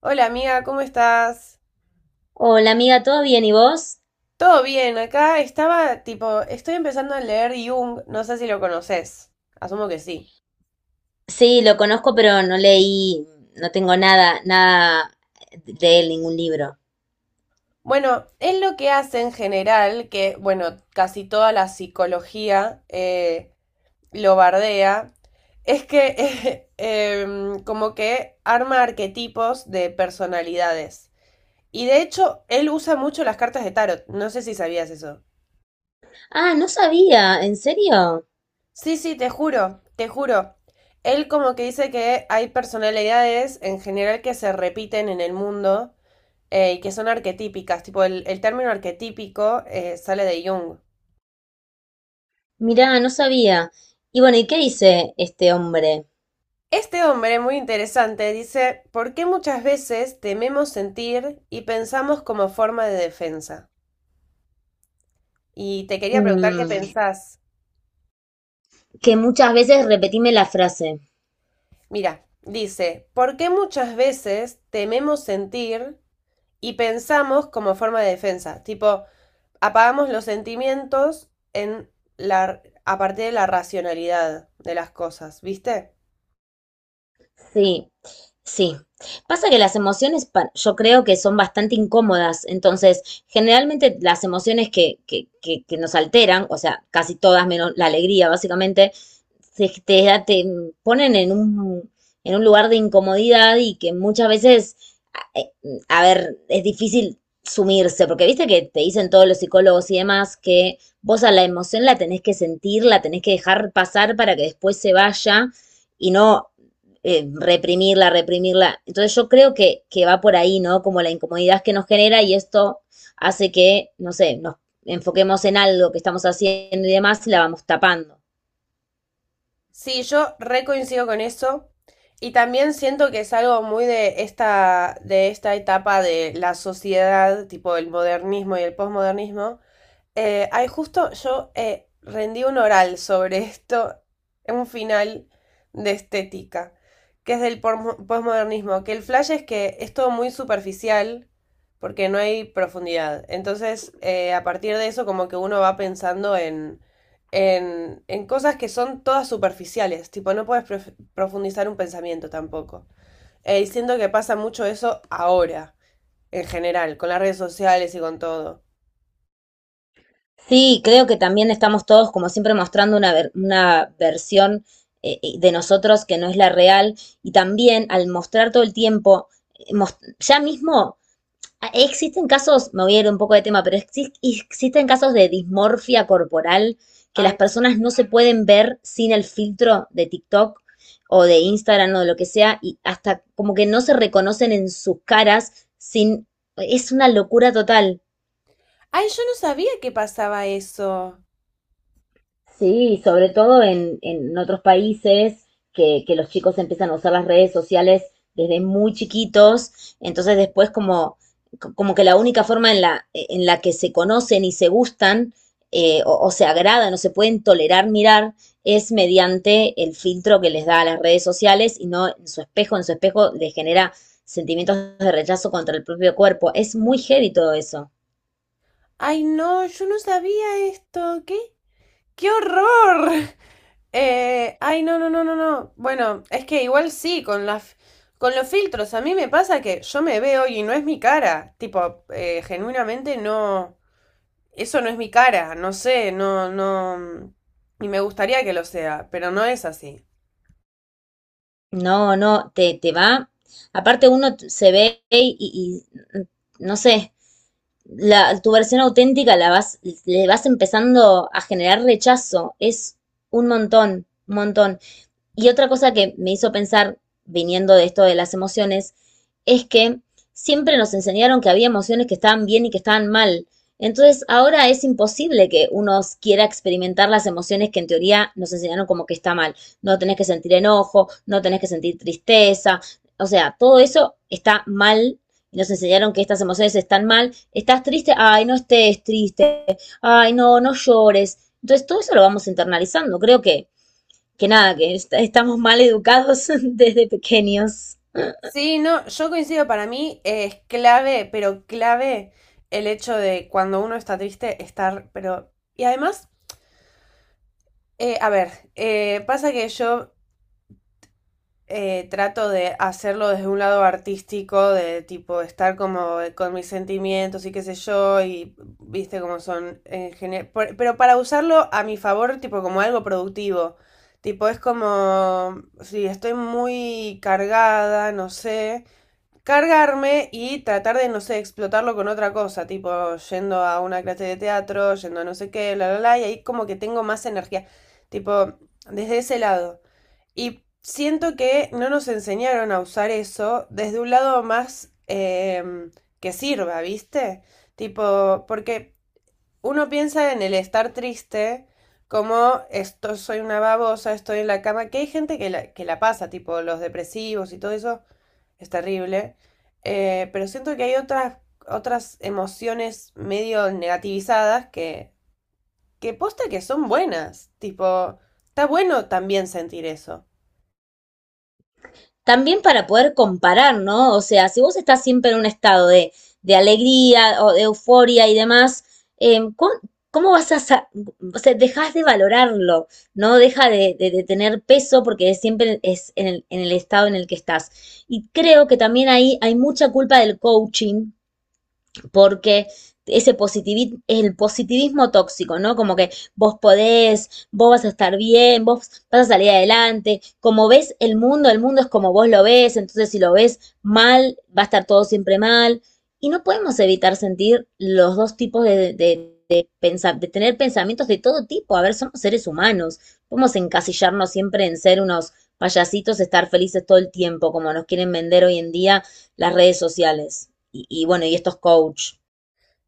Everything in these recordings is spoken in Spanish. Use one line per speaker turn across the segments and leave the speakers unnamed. Hola amiga, ¿cómo estás?
Hola amiga, ¿todo bien? ¿Y vos?
Todo bien, acá estaba tipo, estoy empezando a leer Jung, no sé si lo conoces, asumo que sí.
Sí, lo conozco, pero no leí, no tengo nada de él, ningún libro.
Bueno, es lo que hace en general, que bueno, casi toda la psicología lo bardea, es que como que arma arquetipos de personalidades. Y de hecho, él usa mucho las cartas de tarot, no sé si sabías eso.
Ah, no sabía, ¿en serio?
Sí, sí, te juro, te juro. Él como que dice que hay personalidades en general que se repiten en el mundo y que son arquetípicas, tipo el término arquetípico sale de Jung.
Mirá, no sabía. Y bueno, ¿y qué dice este hombre?
Este hombre, muy interesante, dice, ¿por qué muchas veces tememos sentir y pensamos como forma de defensa? Y te quería preguntar qué
Mm,
pensás.
que muchas veces repetime la frase.
Mira, dice, ¿por qué muchas veces tememos sentir y pensamos como forma de defensa? Tipo, apagamos los sentimientos en a partir de la racionalidad de las cosas, ¿viste?
Sí, sí. Pasa que las emociones, yo creo que son bastante incómodas, entonces generalmente las emociones que nos alteran, o sea, casi todas menos la alegría, básicamente, te ponen en en un lugar de incomodidad y que muchas veces, a eh, a ver, es difícil sumirse, porque viste que te dicen todos los psicólogos y demás que vos a la emoción la tenés que sentir, la tenés que dejar pasar para que después se vaya y no reprimirla, reprimirla. Entonces yo creo que va por ahí, ¿no? Como la incomodidad que nos genera y esto hace que, no sé, nos enfoquemos en algo que estamos haciendo y demás y la vamos tapando.
Sí, yo recoincido con eso. Y también siento que es algo muy de esta, etapa de la sociedad, tipo el modernismo y el posmodernismo. Ay, justo yo rendí un oral sobre esto en un final de estética, que es del posmodernismo, que el flash es que es todo muy superficial porque no hay profundidad. Entonces, a partir de eso, como que uno va pensando en cosas que son todas superficiales, tipo, no puedes profundizar un pensamiento tampoco. Y siento que pasa mucho eso ahora, en general, con las redes sociales y con todo.
Sí, creo que también estamos todos, como siempre, mostrando una versión de nosotros que no es la real y también al mostrar todo el tiempo, ya mismo. Ah, existen casos, me voy a ir un poco de tema, pero existen casos de dismorfia corporal que las
Ay,
personas no se pueden ver sin el filtro de TikTok o de Instagram o de lo que sea, y hasta como que no se reconocen en sus caras sin... Es una locura total.
ay, yo no sabía que pasaba eso.
Sí, sobre todo en otros países que los chicos empiezan a usar las redes sociales desde muy chiquitos, entonces después como, como que la única forma en en la que se conocen y se gustan o se agradan o se pueden tolerar mirar es mediante el filtro que les da a las redes sociales y no en su espejo, en su espejo les genera sentimientos de rechazo contra el propio cuerpo. Es muy heavy todo eso.
Ay, no, yo no sabía esto. ¿Qué? ¡Qué horror! Ay, no, no, no, no, no. Bueno, es que igual sí, con con los filtros. A mí me pasa que yo me veo y no es mi cara. Tipo, genuinamente no. Eso no es mi cara. No sé, no, no. Y me gustaría que lo sea, pero no es así.
No, no, te va. Aparte se ve y, no sé, la, tu versión auténtica la vas, le vas empezando a generar rechazo. Es un montón, un montón. Y otra cosa que me hizo pensar, viniendo de esto de las emociones, es que siempre nos enseñaron que había emociones que estaban bien y que estaban mal. Entonces ahora es imposible que uno quiera experimentar las emociones que en teoría nos enseñaron como que está mal. No tenés que sentir enojo, no tenés que sentir tristeza. O sea, todo eso está mal y nos enseñaron que estas emociones están mal. Estás triste, ay, no estés triste, ay, no, no llores. Entonces todo eso lo vamos internalizando. Creo que nada, que estamos mal educados desde pequeños.
Sí, no, yo coincido, para mí es clave, pero clave el hecho de cuando uno está triste estar, pero. Y además, a ver, pasa que yo trato de hacerlo desde un lado artístico, de tipo estar como con mis sentimientos y qué sé yo, y viste cómo son en general, pero para usarlo a mi favor, tipo como algo productivo, tipo es como, si estoy muy cargada, no sé, cargarme y tratar de, no sé, explotarlo con otra cosa, tipo yendo a una clase de teatro, yendo a no sé qué, bla, bla, bla, y ahí como que tengo más energía, tipo, desde ese lado. Y siento que no nos enseñaron a usar eso desde un lado más que sirva, ¿viste? Tipo, porque uno piensa en el estar triste. Como esto soy una babosa, estoy en la cama, que hay gente que que la pasa, tipo los depresivos y todo eso, es terrible. Pero siento que hay otras emociones medio negativizadas que posta que son buenas. Tipo, está bueno también sentir eso.
También para poder comparar, ¿no? O sea, si vos estás siempre en un estado de alegría o de euforia y demás, em, ¿cómo vas a... o sea, dejas de valorarlo, ¿no? Deja de tener peso porque siempre es en en el estado en el que estás. Y creo que también ahí hay mucha culpa del coaching, porque ese positivismo, el positivismo tóxico, ¿no? Como que vos podés, vos vas a estar bien, vos vas a salir adelante, como ves el mundo es como vos lo ves, entonces si lo ves mal, va a estar todo siempre mal. Y no podemos evitar sentir los dos tipos de pensar, de tener pensamientos de todo tipo. A ver, somos seres humanos, podemos encasillarnos siempre en ser unos payasitos, estar felices todo el tiempo, como nos quieren vender hoy en día las redes sociales y bueno, y estos coach.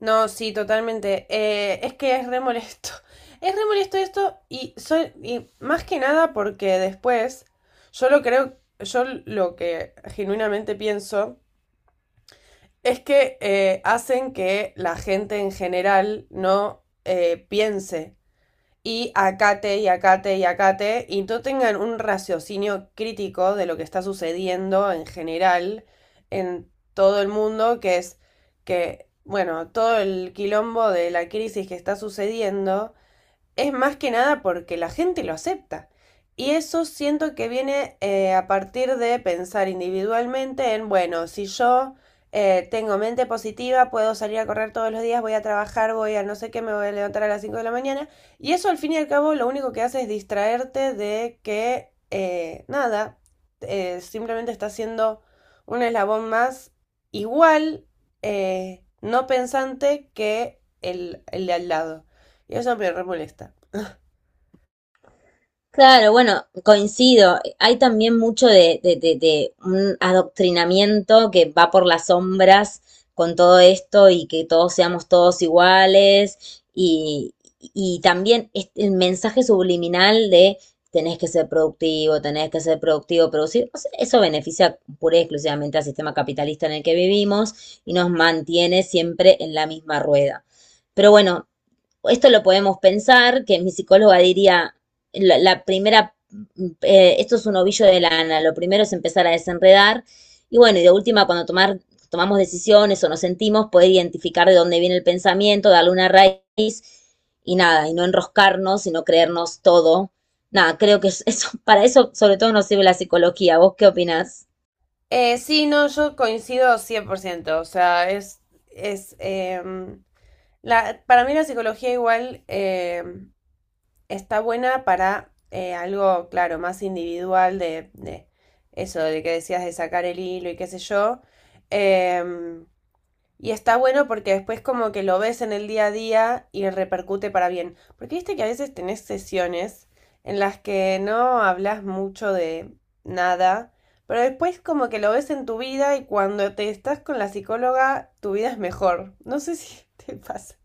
No, sí, totalmente. Es que es re molesto. Es re molesto esto y más que nada porque después yo lo creo, yo lo que genuinamente pienso es que hacen que la gente en general no piense y acate y acate y acate y no tengan un raciocinio crítico de lo que está sucediendo en general en todo el mundo, que es que, bueno, todo el quilombo de la crisis que está sucediendo es más que nada porque la gente lo acepta. Y eso siento que viene a partir de pensar individualmente en, bueno, si yo tengo mente positiva, puedo salir a correr todos los días, voy a trabajar, voy a no sé qué, me voy a levantar a las 5 de la mañana. Y eso al fin y al cabo lo único que hace es distraerte de que nada, simplemente está siendo un eslabón más igual, no pensante que el de al lado. Y eso me re molesta.
Claro, bueno, coincido. Hay también mucho de un adoctrinamiento que va por las sombras con todo esto y que todos seamos todos iguales y también el mensaje subliminal de tenés que ser productivo, tenés que ser productivo, producir. O sea, eso beneficia pura y exclusivamente al sistema capitalista en el que vivimos y nos mantiene siempre en la misma rueda. Pero bueno, esto lo podemos pensar, que mi psicóloga diría, la primera, esto es un ovillo de lana, lo primero es empezar a desenredar y bueno, y de última, tomamos decisiones o nos sentimos, poder identificar de dónde viene el pensamiento, darle una raíz y nada, y no enroscarnos y no creernos todo. Nada, creo que eso, para eso sobre todo nos sirve la psicología. ¿Vos qué opinás?
Sí, no, yo coincido 100%, o sea, es, es em, para mí la psicología igual está buena para algo, claro, más individual de eso, de que decías de sacar el hilo y qué sé yo. Em, y está bueno porque después como que lo ves en el día a día y repercute para bien. Porque viste que a veces tenés sesiones en las que no hablas mucho de nada, pero después como que lo ves en tu vida y cuando te estás con la psicóloga, tu vida es mejor. No sé si te pasa.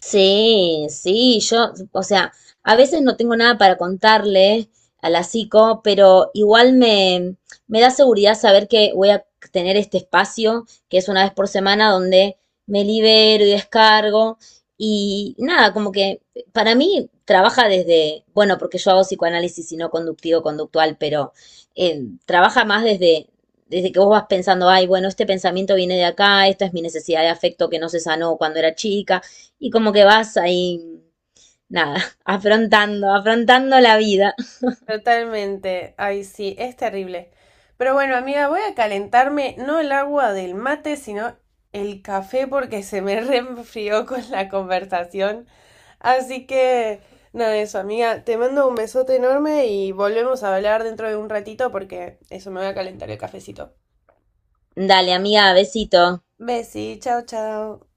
Sí, sí, yo, o sea, a veces no tengo nada para contarle a la psico, pero igual me da seguridad saber que voy a tener este espacio, que es 1 vez por semana, donde me libero y descargo. Y nada, como que para mí trabaja desde, bueno, porque yo hago psicoanálisis y no conductivo-conductual, pero trabaja más desde que vos vas pensando, ay, bueno, este pensamiento viene de acá, esta es mi necesidad de afecto que no se sanó cuando era chica. Y como que vas ahí, nada, afrontando, afrontando la vida.
Totalmente. Ay, sí, es terrible. Pero bueno, amiga, voy a calentarme no el agua del mate, sino el café porque se me reenfrió con la conversación. Así que, nada, eso, amiga. Te mando un besote enorme y volvemos a hablar dentro de un ratito porque eso me va a calentar el cafecito.
Dale, amiga, besito.
Besi, chao, chao.